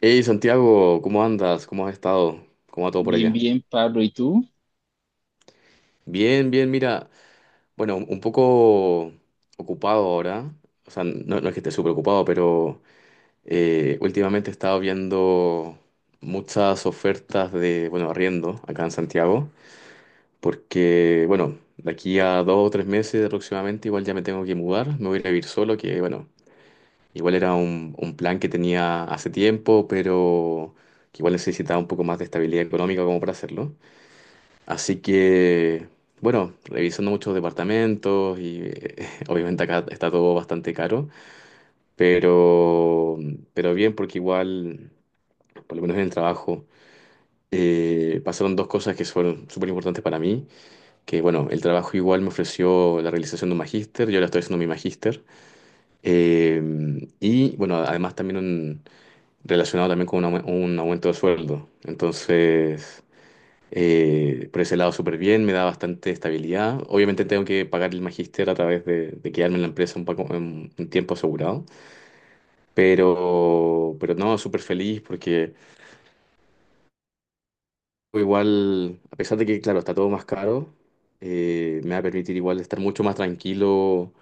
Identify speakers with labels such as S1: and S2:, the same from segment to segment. S1: Hey Santiago, ¿cómo andas? ¿Cómo has estado? ¿Cómo va todo por
S2: Bien,
S1: allá?
S2: bien, Pablo. ¿Y tú?
S1: Bien, bien, mira, bueno, un poco ocupado ahora, o sea, no, no es que esté súper ocupado, pero últimamente he estado viendo muchas ofertas de, bueno, arriendo acá en Santiago, porque, bueno, de aquí a dos o tres meses aproximadamente igual ya me tengo que mudar, me voy a ir a vivir solo, que, bueno, igual era un plan que tenía hace tiempo, pero que igual necesitaba un poco más de estabilidad económica como para hacerlo. Así que, bueno, revisando muchos departamentos y obviamente acá está todo bastante caro, pero, pero bien porque igual, por lo menos en el trabajo, pasaron dos cosas que fueron súper importantes para mí, que bueno, el trabajo igual me ofreció la realización de un magíster, yo ahora estoy haciendo mi magíster, y bueno, además también relacionado también con un, un aumento de sueldo. Entonces… Por ese lado, súper bien, me da bastante estabilidad. Obviamente tengo que pagar el magíster a través de quedarme en la empresa un, poco, un tiempo asegurado, pero no, súper feliz porque igual, a pesar de que, claro, está todo más caro, me va a permitir igual estar mucho más tranquilo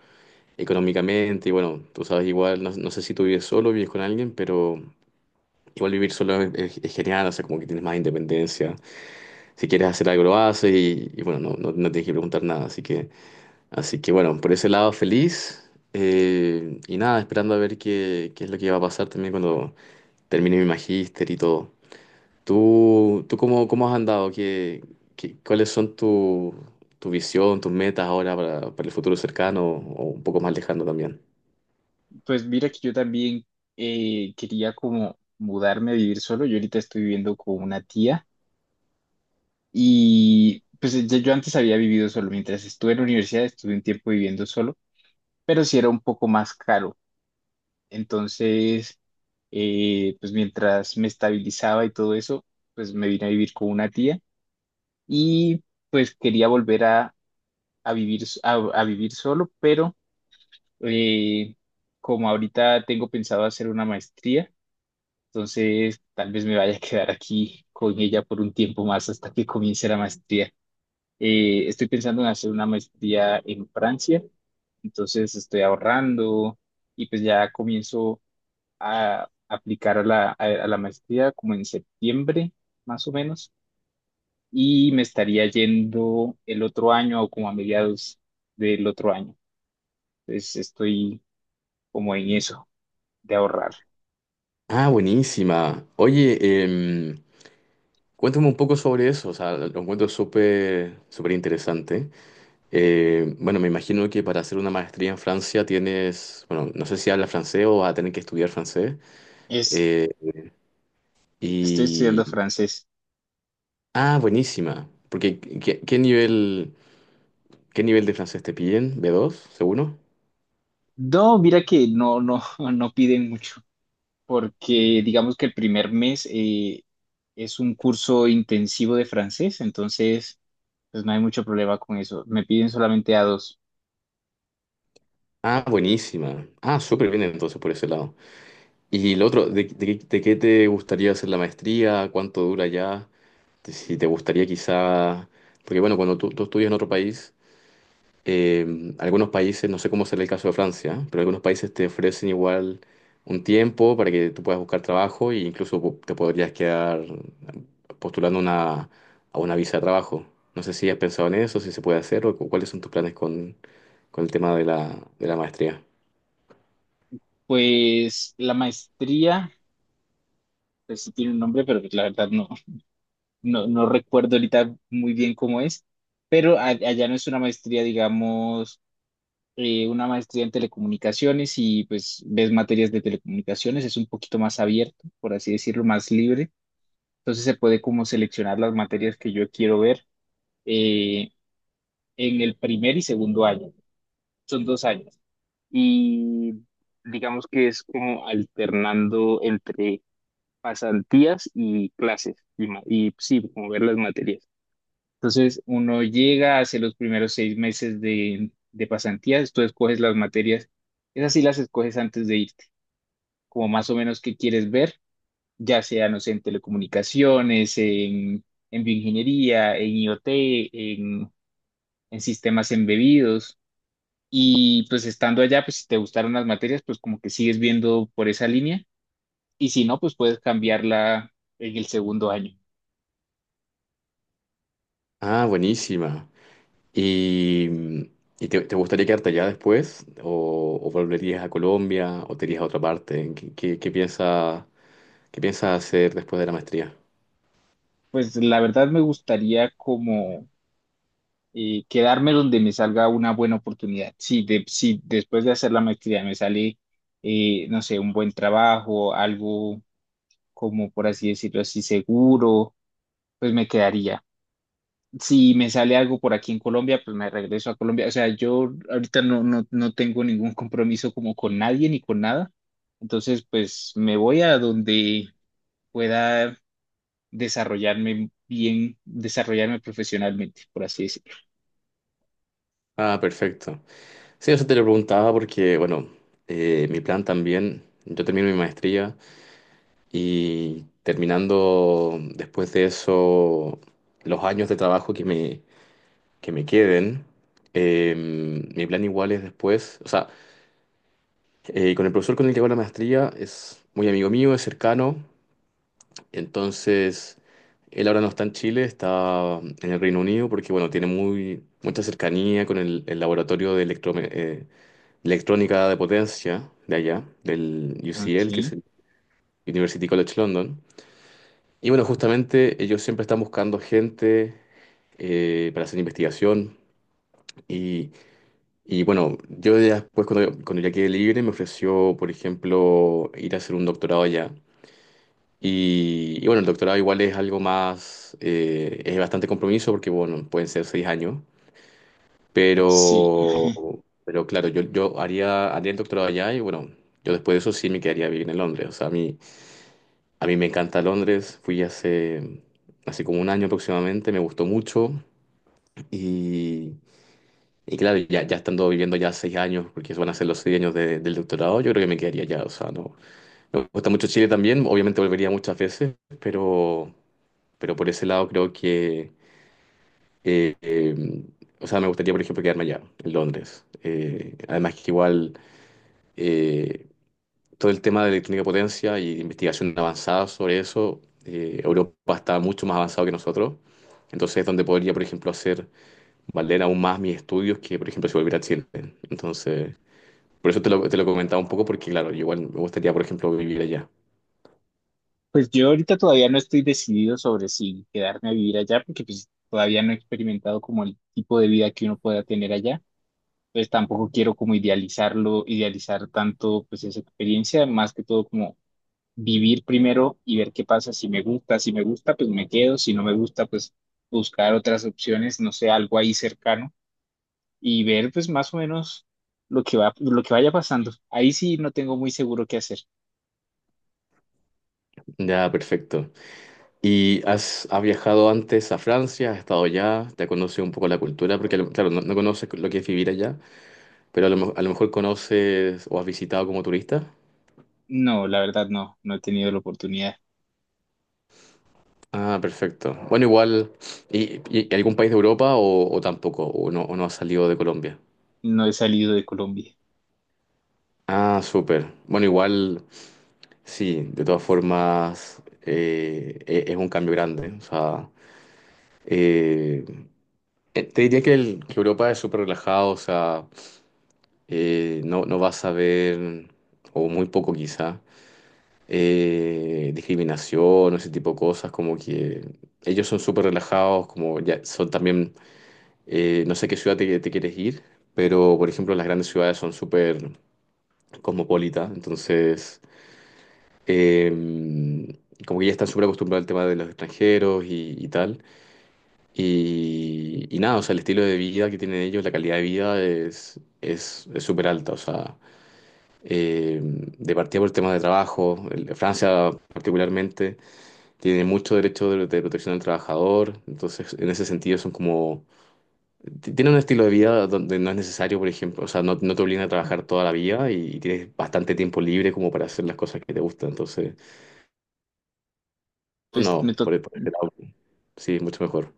S1: económicamente. Y bueno, tú sabes, igual, no, no sé si tú vives solo, vives con alguien, pero igual vivir solo es, es genial, o sea, como que tienes más independencia. Si quieres hacer algo, lo haces y bueno, no, no, no tienes que preguntar nada, así que… Así que bueno, por ese lado feliz. Y nada, esperando a ver qué, qué es lo que va a pasar también cuando termine mi magíster y todo. ¿Tú cómo, cómo has andado? ¿Qué, cuáles son tu, tu visión, tus metas ahora para el futuro cercano o un poco más lejano también?
S2: Pues mira que yo también quería como mudarme a vivir solo. Yo ahorita estoy viviendo con una tía y pues yo antes había vivido solo. Mientras estuve en la universidad estuve un tiempo viviendo solo, pero sí era un poco más caro. Entonces, pues mientras me estabilizaba y todo eso, pues me vine a vivir con una tía y pues quería volver a vivir, a vivir solo, pero... Eh, como ahorita tengo pensado hacer una maestría, entonces tal vez me vaya a quedar aquí con ella por un tiempo más hasta que comience la maestría. Estoy pensando en hacer una maestría en Francia, entonces estoy ahorrando y pues ya comienzo a aplicar a a la maestría como en septiembre, más o menos, y me estaría yendo el otro año o como a mediados del otro año. Entonces estoy como en eso de ahorrar.
S1: Ah, buenísima. Oye, em, cuéntame un poco sobre eso. O sea, lo encuentro súper, súper interesante. Bueno, me imagino que para hacer una maestría en Francia tienes, bueno, no sé si habla francés o vas a tener que estudiar francés.
S2: Es,
S1: Eh,
S2: estoy estudiando
S1: y,
S2: francés.
S1: ah, buenísima. Porque, ¿qué, qué nivel de francés te piden? ¿B2, seguro?
S2: No, mira que no, no piden mucho, porque digamos que el primer mes es un curso intensivo de francés, entonces pues no hay mucho problema con eso. Me piden solamente a A2.
S1: Ah, buenísima. Ah, súper bien entonces por ese lado. Y lo otro, de qué te gustaría hacer la maestría? ¿Cuánto dura ya? Si te gustaría quizá… Porque bueno, cuando tú estudias en otro país, algunos países, no sé cómo será el caso de Francia, pero algunos países te ofrecen igual un tiempo para que tú puedas buscar trabajo e incluso te podrías quedar postulando a una visa de trabajo. No sé si has pensado en eso, si se puede hacer o cuáles son tus planes con el tema de de la maestría.
S2: Pues la maestría, pues sí tiene un nombre, pero pues la verdad no, no recuerdo ahorita muy bien cómo es, pero allá no es una maestría, digamos. Una maestría en telecomunicaciones y pues ves materias de telecomunicaciones, es un poquito más abierto, por así decirlo, más libre. Entonces se puede como seleccionar las materias que yo quiero ver eh, en el primer y segundo año. Son 2 años. Y digamos que es como alternando entre pasantías y clases y sí, como ver las materias. Entonces, uno llega, hace los primeros 6 meses de pasantías, tú escoges las materias, esas sí las escoges antes de irte, como más o menos qué quieres ver, ya sea, no sé, en telecomunicaciones, en bioingeniería, en IoT, en sistemas embebidos. Y pues estando allá, pues si te gustaron las materias, pues como que sigues viendo por esa línea. Y si no, pues puedes cambiarla en el segundo año.
S1: Ah, buenísima. ¿Y, y te, te gustaría quedarte allá después? O volverías a Colombia? ¿O te irías a otra parte? ¿Qué, qué, qué piensas hacer después de la maestría?
S2: Pues la verdad me gustaría quedarme donde me salga una buena oportunidad. Si después de hacer la maestría me sale, no sé, un buen trabajo, algo como por así decirlo así, seguro, pues me quedaría. Si me sale algo por aquí en Colombia, pues me regreso a Colombia. O sea, yo ahorita no tengo ningún compromiso como con nadie ni con nada. Entonces, pues me voy a donde pueda desarrollarme bien, desarrollarme profesionalmente, por así decirlo.
S1: Ah, perfecto. Sí, eso te lo preguntaba porque, bueno, mi plan también, yo termino mi maestría y terminando después de eso los años de trabajo que me queden, mi plan igual es después, o sea, con el profesor con el que hago la maestría es muy amigo mío, es cercano, entonces él ahora no está en Chile, está en el Reino Unido porque, bueno, tiene muy, mucha cercanía con el laboratorio de electro electrónica de potencia de allá, del
S2: Ok,
S1: UCL, que es el University College London. Y bueno, justamente ellos siempre están buscando gente para hacer investigación. Y, y bueno, yo ya después, cuando, cuando ya quedé libre, me ofreció, por ejemplo, ir a hacer un doctorado allá. Y bueno, el doctorado igual es algo más, es bastante compromiso porque, bueno, pueden ser seis años. Pero,
S2: sí.
S1: pero claro, yo haría, haría el doctorado allá y bueno, yo después de eso sí me quedaría vivir en Londres. O sea, a mí me encanta Londres. Fui hace, hace como un año aproximadamente, me gustó mucho. Y, y claro, ya, ya estando viviendo ya seis años, porque van a ser los seis años del doctorado, yo creo que me quedaría allá. O sea, no, me gusta mucho Chile también. Obviamente volvería muchas veces, pero, pero por ese lado creo que… eh, eh, o sea, me gustaría, por ejemplo, quedarme allá, en Londres. Además que igual… eh, todo el tema de electrónica de potencia y investigación avanzada sobre eso, Europa está mucho más avanzado que nosotros. Entonces es donde podría, por ejemplo, hacer valer aún más mis estudios que, por ejemplo, si volviera a Chile. Entonces, por eso te lo comentaba un poco, porque claro, yo igual me gustaría, por ejemplo, vivir allá.
S2: Pues yo ahorita todavía no estoy decidido sobre si quedarme a vivir allá, porque pues todavía no he experimentado como el tipo de vida que uno pueda tener allá. Pues tampoco quiero como idealizarlo, idealizar tanto pues esa experiencia, más que todo como vivir primero y ver qué pasa. Si me gusta, si me gusta, pues me quedo. Si no me gusta, pues buscar otras opciones, no sé, algo ahí cercano y ver pues más o menos lo que va, lo que vaya pasando. Ahí sí no tengo muy seguro qué hacer.
S1: Ya, perfecto. ¿Y has, has viajado antes a Francia? ¿Has estado allá? ¿Te conoces un poco la cultura? Porque, claro, no, no conoces lo que es vivir allá, pero a lo, a lo mejor conoces o has visitado como turista.
S2: No, la verdad no, no he tenido la oportunidad.
S1: Ah, perfecto. Bueno, igual, y algún país de Europa o tampoco? O no ha salido de Colombia?
S2: No he salido de Colombia.
S1: Ah, súper. Bueno, igual, sí, de todas formas, es un cambio grande. O sea, eh, te diría que, que Europa es súper relajado, o sea, no, no vas a ver, o muy poco quizá, discriminación o ese tipo de cosas, como que ellos son súper relajados, como ya son también. No sé qué ciudad te, te quieres ir, pero por ejemplo las grandes ciudades son súper cosmopolitas, entonces em, como que ya están súper acostumbrados al tema de los extranjeros y tal. Y nada, o sea, el estilo de vida que tienen ellos, la calidad de vida es súper alta, o sea, de partida por temas de trabajo, Francia particularmente tiene mucho derecho de protección del trabajador, entonces en ese sentido son como Tiene un estilo de vida donde no es necesario, por ejemplo, o sea, no, no te obligan a trabajar toda la vida y tienes bastante tiempo libre como para hacer las cosas que te gustan. Entonces,
S2: Pues
S1: no,
S2: me, to-
S1: por ese lado, sí, mucho mejor.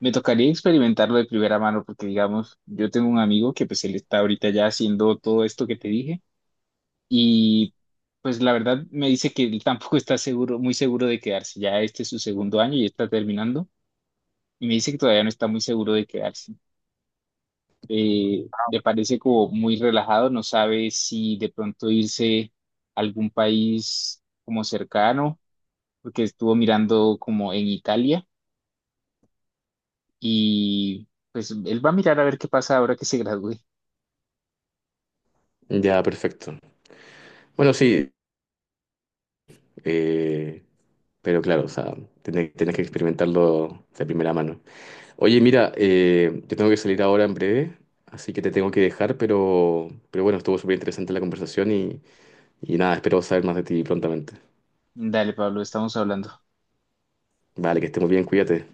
S2: Me tocaría experimentarlo de primera mano porque, digamos, yo tengo un amigo que pues él está ahorita ya haciendo todo esto que te dije y pues la verdad me dice que él tampoco está seguro, muy seguro de quedarse. Ya este es su segundo año y está terminando y me dice que todavía no está muy seguro de quedarse. Le parece como muy relajado, no sabe si de pronto irse a algún país como cercano, porque estuvo mirando como en Italia y pues él va a mirar a ver qué pasa ahora que se gradúe.
S1: Ya, perfecto. Bueno, sí, eh, pero claro, o sea, tenés, tenés que experimentarlo de primera mano. Oye, mira, yo tengo que salir ahora en breve, así que te tengo que dejar, pero bueno, estuvo súper interesante la conversación y nada, espero saber más de ti prontamente.
S2: Dale, Pablo, estamos hablando.
S1: Vale, que estemos bien, cuídate.